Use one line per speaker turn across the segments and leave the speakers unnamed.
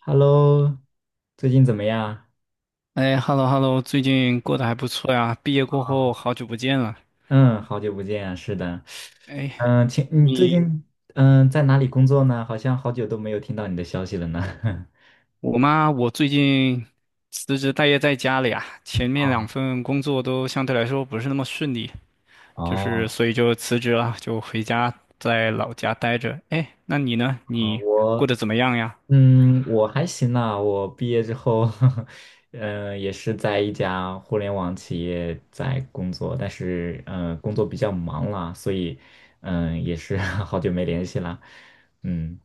Hello，最近怎么样？
哎，hello hello，最近过得还不错呀。毕业过后好久不见了。
嗯，好久不见啊，是的。
哎，
请你最
你
近在哪里工作呢？好像好久都没有听到你的消息了呢。
我妈，我最近辞职待业在家里啊。前面两
啊，
份工作都相对来说不是那么顺利，就是
哦，
所以就辞职了，就回家在老家待着。哎，那你呢？
啊，
你过
我
得怎么样呀？
嗯我还行啦，我毕业之后，也是在一家互联网企业在工作，但是工作比较忙啦，所以也是 好久没联系啦。嗯。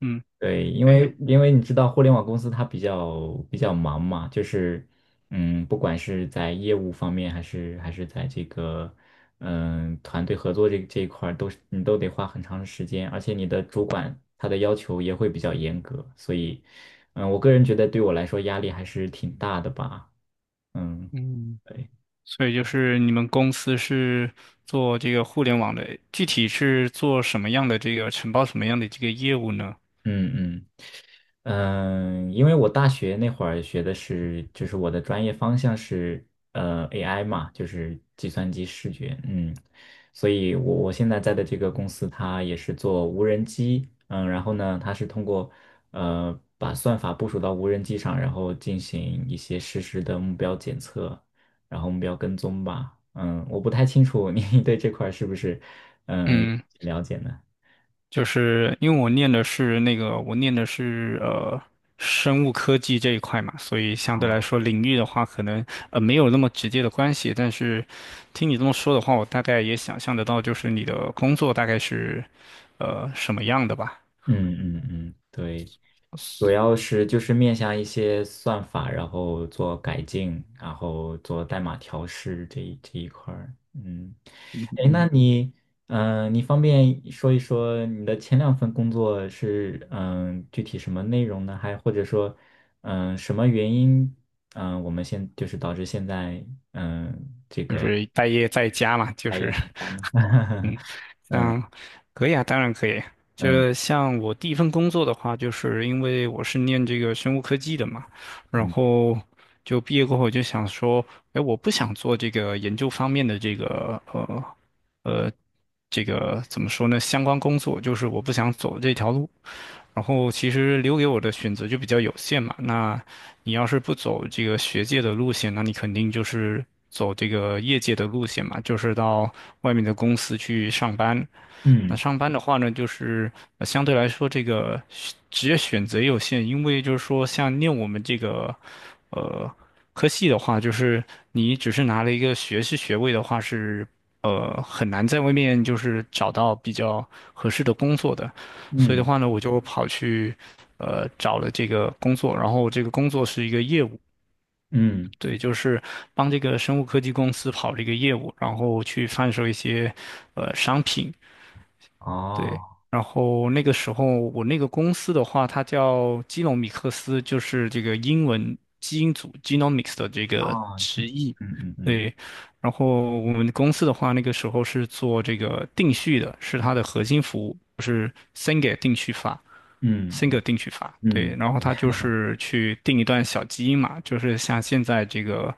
嗯。
对，因为
哎。
因为你知道互联网公司它比较忙嘛，就是，不管是在业务方面，还是在这个团队合作这一块儿，都是你都得花很长的时间，而且你的主管他的要求也会比较严格，所以，我个人觉得对我来说压力还是挺大的吧，嗯，
嗯。
对，
所以就是你们公司是做这个互联网的，具体是做什么样的这个承包什么样的这个业务呢？
嗯嗯。因为我大学那会儿学的是，就是我的专业方向是AI 嘛，就是计算机视觉，所以我现在在的这个公司，它也是做无人机，然后呢，它是通过把算法部署到无人机上，然后进行一些实时的目标检测，然后目标跟踪吧，我不太清楚你 对这块儿是不是嗯
嗯。
了解呢？
就是因为我念的是生物科技这一块嘛，所以相对来
哦，
说领域的话，可能没有那么直接的关系。但是听你这么说的话，我大概也想象得到，就是你的工作大概是什么样的吧？
嗯嗯嗯，对。主要是就是面向一些算法，然后做改进，然后做代码调试这一块儿。嗯，哎，那你，你方便说一说你的前两份工作是具体什么内容呢？还或者说，什么原因，我们就是导致现在嗯
就是待业在家嘛，就
待业
是
不 佳呢？
嗯。
嗯
像可以啊，当然可以。就
嗯
是像我第一份工作的话，就是因为我是念这个生物科技的嘛，然
嗯
后就毕业过后我就想说，哎，我不想做这个研究方面的呃这个怎么说呢？相关工作，就是我不想走这条路。然后其实留给我的选择就比较有限嘛，那你要是不走这个学界的路线，那你肯定就是走这个业界的路线嘛，就是到外面的公司去上班。那
嗯
上班的话呢，就是相对来说这个职业选择也有限，因为就是说像念我们这个呃科系的话，就是你只是拿了一个学士学位的话是。很难在外面就是找到比较合适的工作的，所以的
嗯
话呢，我就跑去找了这个工作，然后这个工作是一个业务，
嗯，
对，就是帮这个生物科技公司跑这个业务，然后去贩售一些商品，对。
哦
然后那个时候我那个公司的话，它叫基隆米克斯，就是这个英文基因组 （genomics） 的这个
哦，
直译，
嗯嗯嗯
对。然后我们公司的话，那个时候是做这个定序的，是它的核心服务，就是 Single 定序法
嗯。
，Single
嗯
定序法。对，
嗯，
然后它就 是去定一段小基因嘛，就是像现在这个，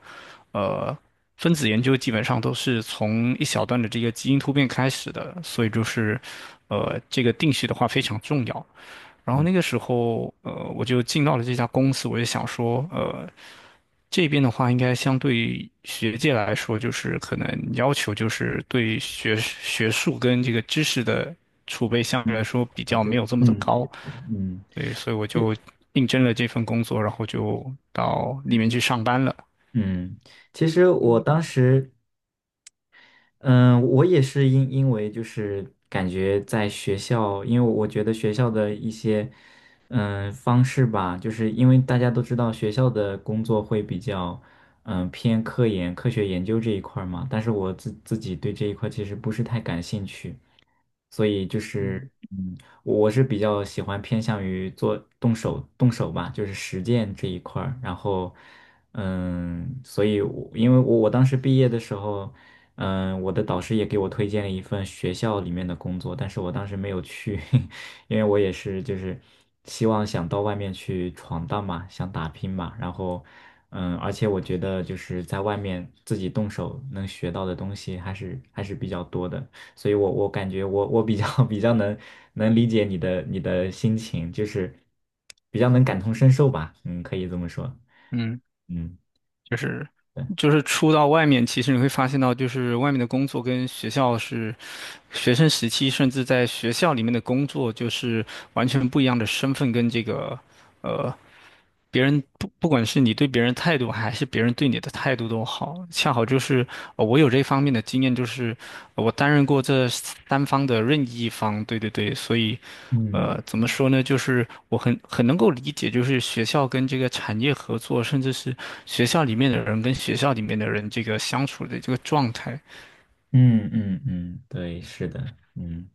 呃，分子研究基本上都是从一小段的这个基因突变开始的，所以就是，这个定序的话非常重要。然后
嗯
那个时候，我就进到了这家公司，我就想说。这边的话，应该相对于学界来说，就是可能要求就是对学术跟这个知识的储备相对
嗯，
来说比
我
较
觉
没
得
有这么的
确
高，
实，
对，所以我
这
就应征了这份工作，然后就到里面去上班了。
嗯，其实我当时嗯，我也是因为就是感觉在学校，因为我觉得学校的一些方式吧，就是因为大家都知道学校的工作会比较偏科研、科学研究这一块儿嘛，但是我自己对这一块其实不是太感兴趣，所以就
嗯
是嗯，我是比较喜欢偏向于做动手动手吧，就是实践这一块儿，然后。所以我，因为我当时毕业的时候，我的导师也给我推荐了一份学校里面的工作，但是我当时没有去，因为我也是就是希望想到外面去闯荡嘛，想打拼嘛，然后，而且我觉得就是在外面自己动手能学到的东西还是比较多的，所以我感觉我比较 比较能理解你的心情，就是比较能感同身受吧，嗯，可以这么说，
嗯。
嗯。
就是
对。
就是出到外面，其实你会发现到，就是外面的工作跟学校是学生时期，甚至在学校里面的工作，就是完全不一样的身份跟这个。呃。别人不管是你对别人态度，还是别人对你的态度都好，恰好就是我有这方面的经验，就是我担任过这三方的任意一方，对对对，所以
嗯
怎么说呢，就是我很能够理解，就是学校跟这个产业合作，甚至是学校里面的人跟学校里面的人这个相处的这个状态。
嗯嗯嗯，对，是的，嗯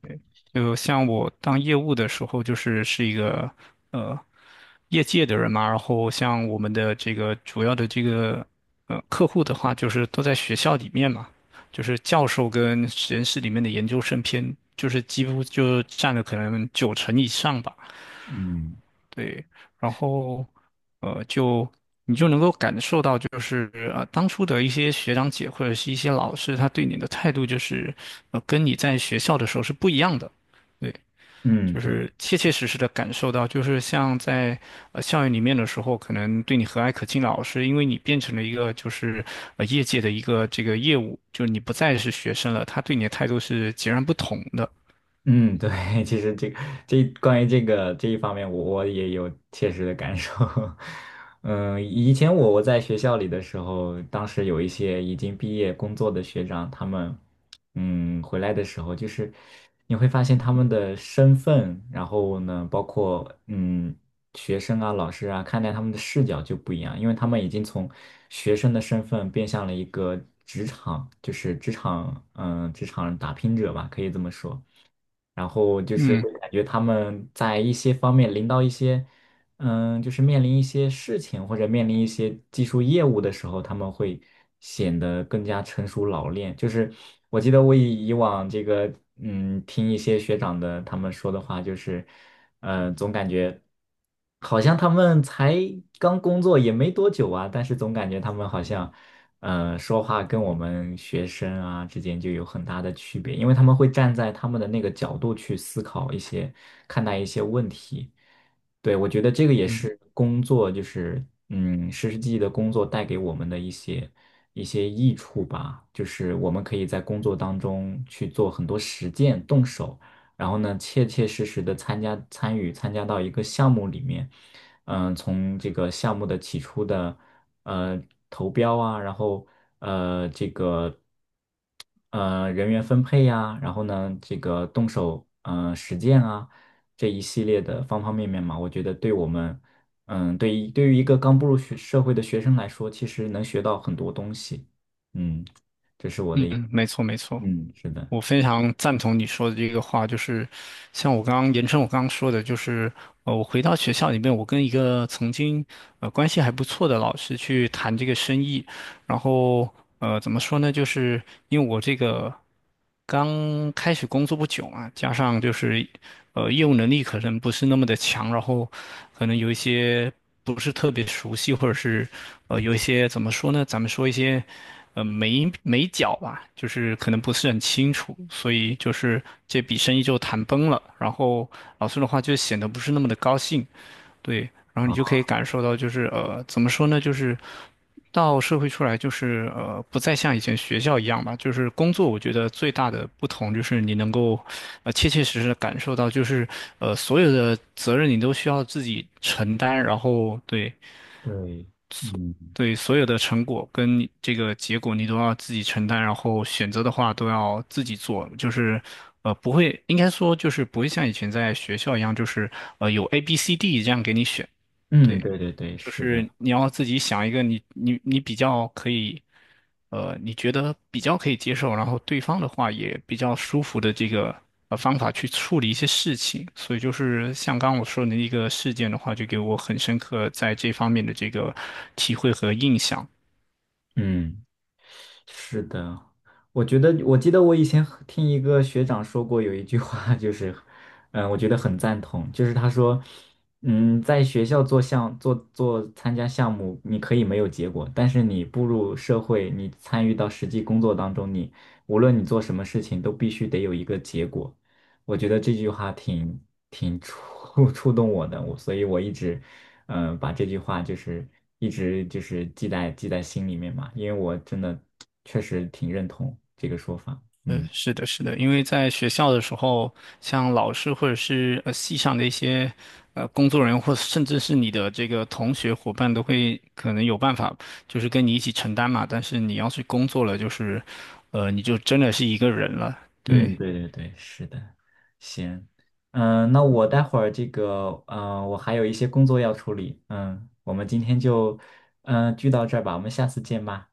就像我当业务的时候，是一个呃业界的人嘛，然后像我们的这个主要的这个客户的话，就是都在学校里面嘛，就是教授跟实验室里面的研究生偏，就是几乎就占了可能九成以上吧。
嗯，
对，然后呃就你就能够感受到，就是当初的一些学长姐或者是一些老师，他对你的态度就是跟你在学校的时候是不一样的。对。
嗯，
就是
对。
切切实实的感受到，就是像在校园里面的时候，可能对你和蔼可亲的老师，因为你变成了一个就是业界的一个这个业务，就是你不再是学生了，他对你的态度是截然不同的。
嗯，对，其实这关于这个这一方面我也有切实的感受。嗯，以前我在学校里的时候，当时有一些已经毕业工作的学长，他们回来的时候，就是你会发现他们的身份，然后呢，包括学生啊、老师啊，看待他们的视角就不一样，因为他们已经从学生的身份变向了一个职场，就是职场打拼者吧，可以这么说。然后就是
嗯
会感觉他们在一些方面临到一些，就是面临一些事情或者面临一些技术业务的时候，他们会显得更加成熟老练。就是我记得我以往这个，听一些学长的他们说的话，就是。好像他们才刚工作也没多久啊，但是总感觉他们好像，说话跟我们学生啊之间就有很大的区别，因为他们会站在他们的那个角度去思考一些，看待一些问题。对，我觉得这个也
嗯
是工作，就是实实际际的工作带给我们的一些益处吧，就是我们可以在工作当中去做很多实践，动手。然后呢，切切实实的参与参加到一个项目里面，从这个项目的起初的呃投标啊，然后这个人员分配呀、然后呢这个动手实践啊这一系列的方方面面嘛，我觉得对我们对于一个刚步入学社会的学生来说，其实能学到很多东西。嗯
嗯，没错没错，
嗯，是的，
我非常赞同你说的这个话，就是像我刚刚说的，就是我回到学校里面，我跟一个曾经关系还不错的老师去谈这个生意。然后怎么说呢？就是因为我这个刚开始工作不久嘛，加上就是业务能力可能不是那么的强，然后可能有一些不是特别熟悉，或者是有一些怎么说呢？咱们说一些眉眉角吧，就是可能不是很清楚，所以就是这笔生意就谈崩了。然后老师的话就显得不是那么的高兴，对，然后你就可以感受到，就是怎么说呢，就是到社会出来，就是不再像以前学校一样吧。就是工作，我觉得最大的不同就是你能够，切切实实的感受到，就是所有的责任你都需要自己承担，然后对，
对，嗯
对，所有的成果跟这个结果你都要自己承担，然后选择的话都要自己做，就是不会，应该说就是不会像以前在学校一样，就是有 A、B、C、D 这样给你选，
嗯，
对，
对对对，
就
是
是
的，
你要自己想一个你比较可以，你觉得比较可以接受，然后对方的话也比较舒服的这个方法去处理一些事情。所以就是像刚刚我说的那一个事件的话，就给我很深刻在这方面的这个体会和印象。
嗯。是的，我觉得，我记得我以前和听一个学长说过有一句话，就是，我觉得很赞同，就是他说，在学校做项做做参加项目，你可以没有结果，但是你步入社会，你参与到实际工作当中，你无论你做什么事情，都必须得有一个结果。我觉得这句话挺触动我的，所以我一直，把这句话就是一直就是记在心里面嘛，因为我真的确实挺认同这个说法。嗯
是的，是的，因为在学校的时候，像老师或者是系上的一些工作人员，或甚至是你的这个同学伙伴，都会可能有办法，就是跟你一起承担嘛。但是你要是工作了，就是你就真的是一个人了。对
嗯，对对对，是的，行，那我待会儿这个，我还有一些工作要处理，我们今天就，聚到这儿吧，我们下次见吧，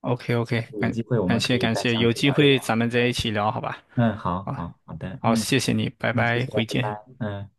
，OK OK，
有
感
机会我
感
们可
谢
以
感
再
谢，
详
有
细
机
聊一
会
聊。
咱们再一起聊，好吧？
嗯，好
好，
好好的，
好，
嗯
谢谢你，拜
嗯，谢
拜，
谢，
回
拜
见。
拜，嗯。